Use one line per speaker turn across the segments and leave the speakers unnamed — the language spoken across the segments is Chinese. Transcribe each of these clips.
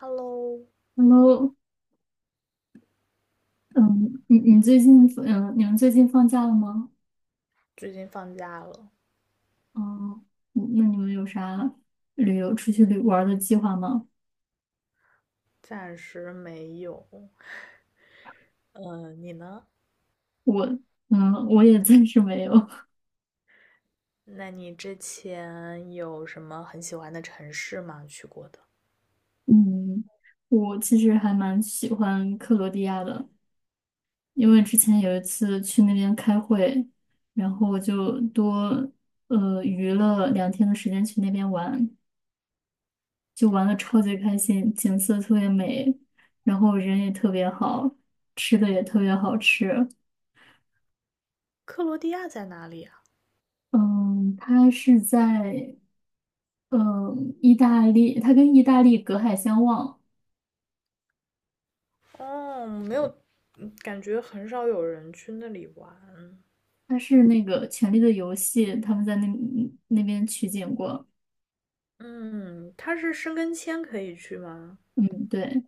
Hello，
Hello，嗯，你们最近放假了吗？
最近放假了，
哦。那你们有啥旅游出去旅玩儿的计划吗？
暂时没有。嗯，你呢？
我我也暂时没有。
那你之前有什么很喜欢的城市吗？去过的？
嗯，我其实还蛮喜欢克罗地亚的，因为之前有一次去那边开会，然后我就多余了2天的时间去那边玩，就玩的超级开心，景色特别美，然后人也特别好，吃的也特别好吃。
克罗地亚在哪里啊？
嗯，它是在意大利，它跟意大利隔海相望。
哦，没有，感觉很少有人去那里玩。
它是那个《权力的游戏》，他们在那边取景过。
嗯，它是申根签可以去吗？
嗯，对，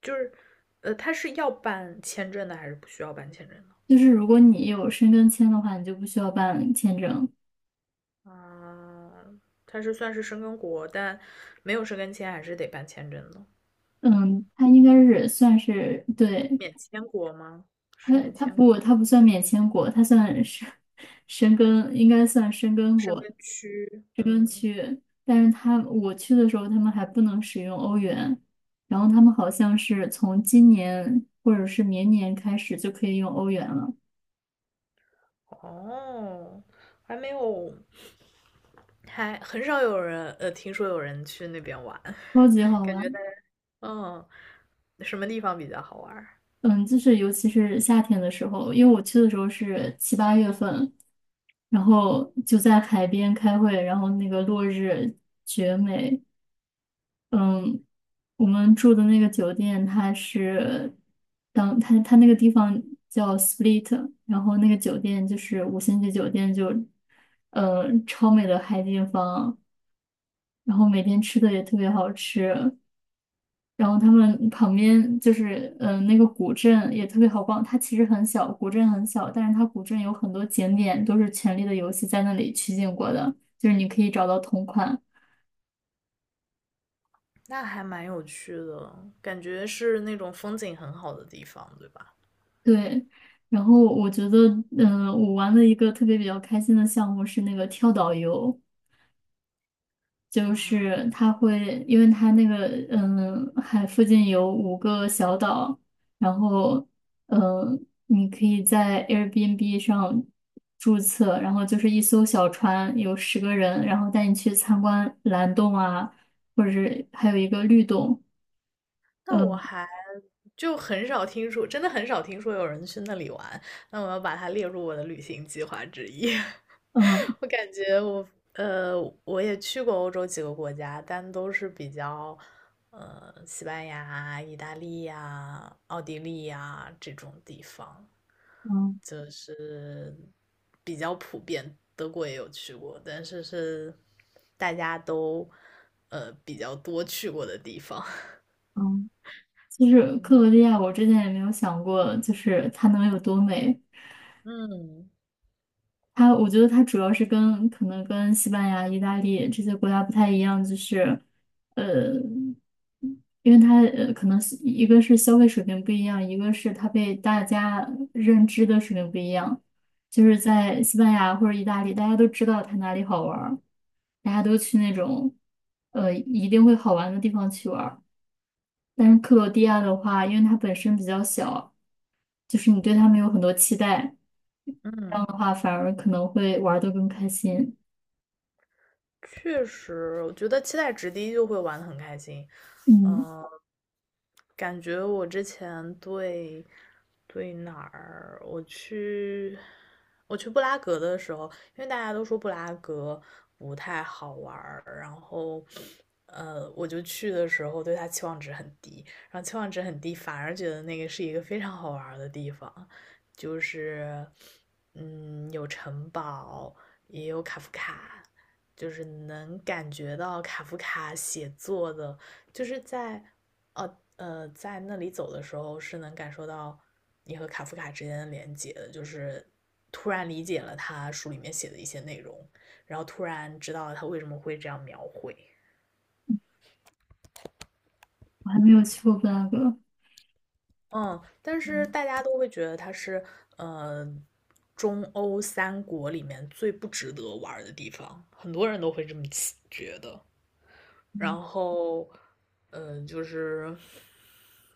就是，它是要办签证的还是不需要办签证的？
就是如果你有申根签的话，你就不需要办签证。
啊，它是算是申根国，但没有申根签还是得办签证的。
嗯，它应该是算是对。
免签国吗？
它，
是免
它
签
不它不算免签国，它算是 申根，应该算申根
申
国。
根区，嗯，
但是我去的时候，他们还不能使用欧元，然后他们好像是从今年或者是明年开始就可以用欧元了。
哦，还没有，还很少有人，听说有人去那边玩，
超级 好
感觉
玩。
大家，嗯，什么地方比较好玩儿
嗯，就是尤其是夏天的时候，因为我去的时候是7、8月份，然后就在海边开会，然后那个落日绝美。我们住的那个酒店，它是当它它那个地方叫 Split，然后那个酒店就是五星级酒店就，超美的海景房，然后每天吃的也特别好吃，然后他们旁边就是那个古镇也特别好逛。它其实很小，古镇很小，但是它古镇有很多景点都是《权力的游戏》在那里取景过的，就是你可以找到同款。
那还蛮有趣的，感觉是那种风景很好的地方，对吧？
对。然后我觉得，我玩了一个特别比较开心的项目是那个跳岛游。就是它会，因为它那个，海附近有5个小岛，然后，你可以在 Airbnb 上注册，然后就是一艘小船，有10个人，然后带你去参观蓝洞啊，或者是还有一个绿洞。
那我
嗯
还就很少听说，真的很少听说有人去那里玩，那我要把它列入我的旅行计划之一。
嗯
我感觉我呃，我也去过欧洲几个国家，但都是比较西班牙、意大利呀、奥地利呀这种地方
嗯
比较普遍。德国也有去过，但是是大家都比较多去过的地方。
嗯。其实克罗
嗯
地亚，我之前也没有想过，就是它能有多美。
嗯。
我觉得它主要是跟可能跟西班牙、意大利这些国家不太一样，就是，呃，因为它可能是一个是消费水平不一样，一个是它被大家认知的水平不一样。就是在西班牙或者意大利，大家都知道它哪里好玩儿，大家都去那种一定会好玩的地方去玩儿。但是克罗地亚的话，因为它本身比较小，就是你对他们有很多期待，这
嗯。
样的话反而可能会玩的更开心。
确实，我觉得期待值低就会玩的很开心。
嗯，
嗯、感觉我之前对对哪儿，我去我去布拉格的时候，因为大家都说布拉格不太好玩儿然后我就去的时候对它期望值很低，然后期望值很低，反而觉得那个是一个非常好玩儿的地方，就是嗯，有城堡，也有卡夫卡，就是能感觉到卡夫卡写作的，就是在在那里走的时候是能感受到你和卡夫卡之间的连接的，就是突然理解了他书里面写的一些内容，然后突然知道了他为什么会这样描绘。
我还没有去过布拉格。
嗯，但是
嗯
大家都会觉得他是呃中欧三国里面最不值得玩的地方，很多人都会这么觉得。然后，嗯，就是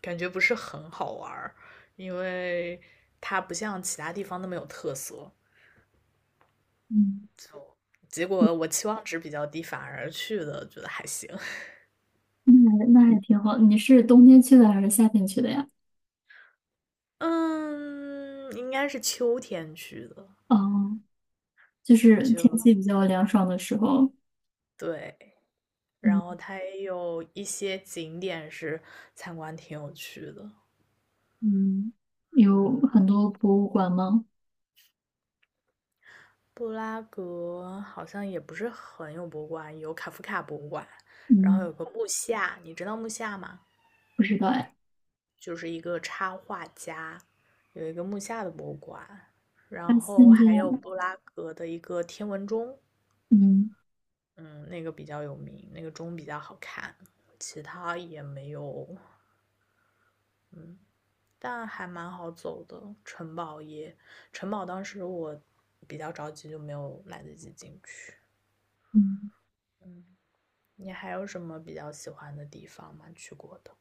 感觉不是很好玩儿，因为它不像其他地方那么有特色。
嗯
结果我期望值比较低，反而去的觉得还行。
嗯。那还挺好。你是冬天去的还是夏天去的呀？
嗯，应该是秋天去的，
哦，就是天
就
气比较凉爽的时候。
对。然后
嗯
它也有一些景点是参观挺有趣的，
嗯。有
嗯，
很多博物馆吗？
布拉格好像也不是很有博物馆，有卡夫卡博物馆，然后
嗯，
有个木下，你知道木下吗？
不知道哎。
就是一个插画家，有一个木下的博物馆，
他
然后
现在，
还有布拉格的一个天文钟，
嗯
嗯，那个比较有名，那个钟比较好看，其他也没有，嗯，但还蛮好走的。城堡也，城堡当时我比较着急，就没有来得及进去，
嗯，
嗯。你还有什么比较喜欢的地方吗？去过的？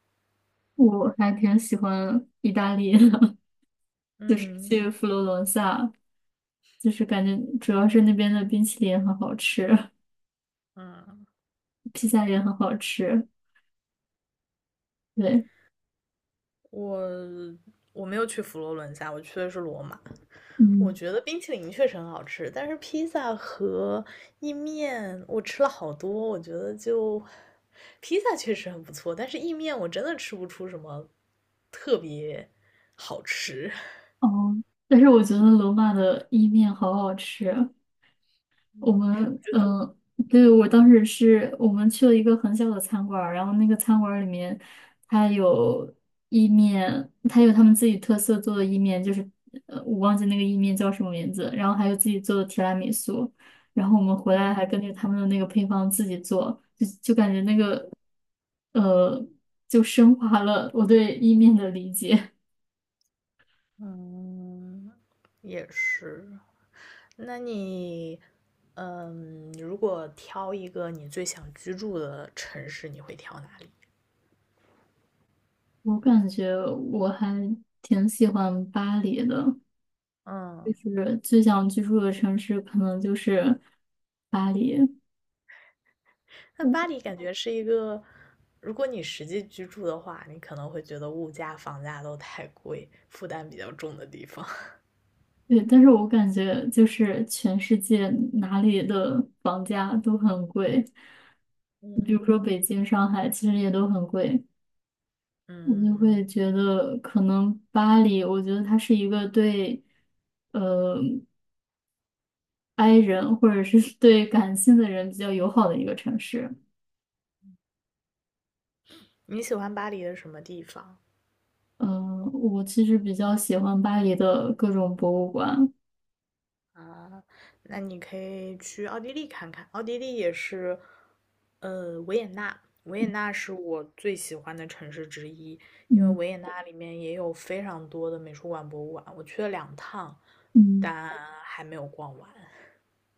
我还挺喜欢意大利的 就是
嗯
去佛罗伦萨。就是感觉主要是那边的冰淇淋也很好吃，
嗯，
披萨也很好吃。对。
我我没有去佛罗伦萨，我去的是罗马。我
嗯。
觉得冰淇淋确实很好吃，但是披萨和意面我吃了好多，我觉得就披萨确实很不错，但是意面我真的吃不出什么特别好吃。
哦，但是我觉得罗马的意面好好吃。我
嗯
们呃，对，我当时是我们去了一个很小的餐馆儿然后那个餐馆儿里面，它有意面，它有他们自己特色做的意面，就是我忘记那个意面叫什么名字，然后还有自己做的提拉米苏，然后我们回来
嗯
还根据他们的那个配方自己做，就感觉那个呃，就升华了我对意面的理解。
嗯，也是。那你，嗯，如果挑一个你最想居住的城市，你会挑哪里？
我感觉我还挺喜欢巴黎的。就
嗯，
是最想居住的城市可能就是巴黎。
那
我
巴黎感觉是一个，如果你实际居住的话，你可能会觉得物价、房价都太贵，负担比较重的地方。
对，但是我感觉就是全世界哪里的房价都很贵，比如说
嗯，
北京、上海，其实也都很贵。我就
嗯，
会觉得可能巴黎，我觉得它是一个对呃 i 人或者是 对感性的人比较友好的一个城市。
你喜欢巴黎的什么地方
嗯、我其实比较喜欢巴黎的各种博物馆。
啊？那你可以去奥地利看看，奥地利也是维也纳，维也纳是我最喜欢的城市之一，因为
嗯
维也纳里面也有非常多的美术馆、博物馆，我去了两趟，
嗯。
但还没有逛完。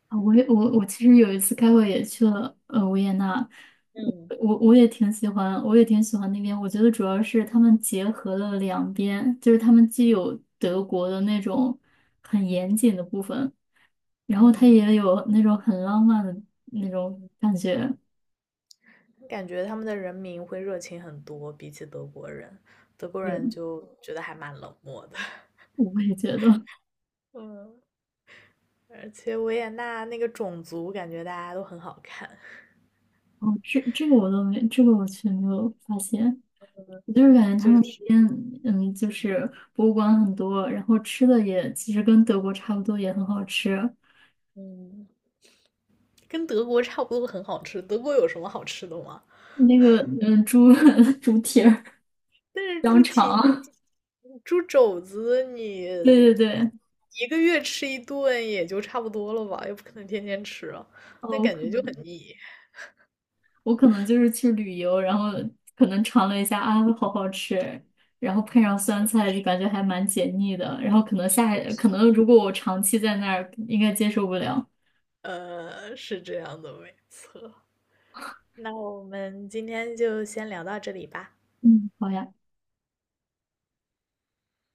啊，我也我其实有一次开会也去了维也纳，我
嗯，
我我也挺喜欢，我也挺喜欢那边。我觉得主要是他们结合了两边，就是他们既有德国的那种很严谨的部分，然后它也有那种很浪漫的那种感觉。
感觉他们的人民会热情很多，比起德国人，德国
对，
人就觉得还蛮冷漠的。
我也觉得。
嗯，而且维也纳那个种族，感觉大家都很好看，
哦，这这个我都没，这个我却没有发现。我就是感觉他
就
们那
是
边，就是博物馆很多，然后吃的也其实跟德国差不多，也很好吃。
嗯，跟德国差不多，很好吃。德国有什么好吃的吗？
那个猪 猪蹄儿、
但是
香
猪蹄
肠。
猪肘子你
对对对。
一个月吃一顿也就差不多了吧，又不可能天天吃啊，那
哦，我
感
可
觉就很
能
腻。
我可能就是去旅游，然后可能尝了一下啊，好好吃，然后配上酸菜就感觉还蛮解腻的，然后可能如果我长期在那儿，应该接受不了。
是这样的，没错。那我们今天就先聊到这里吧。
嗯，好呀。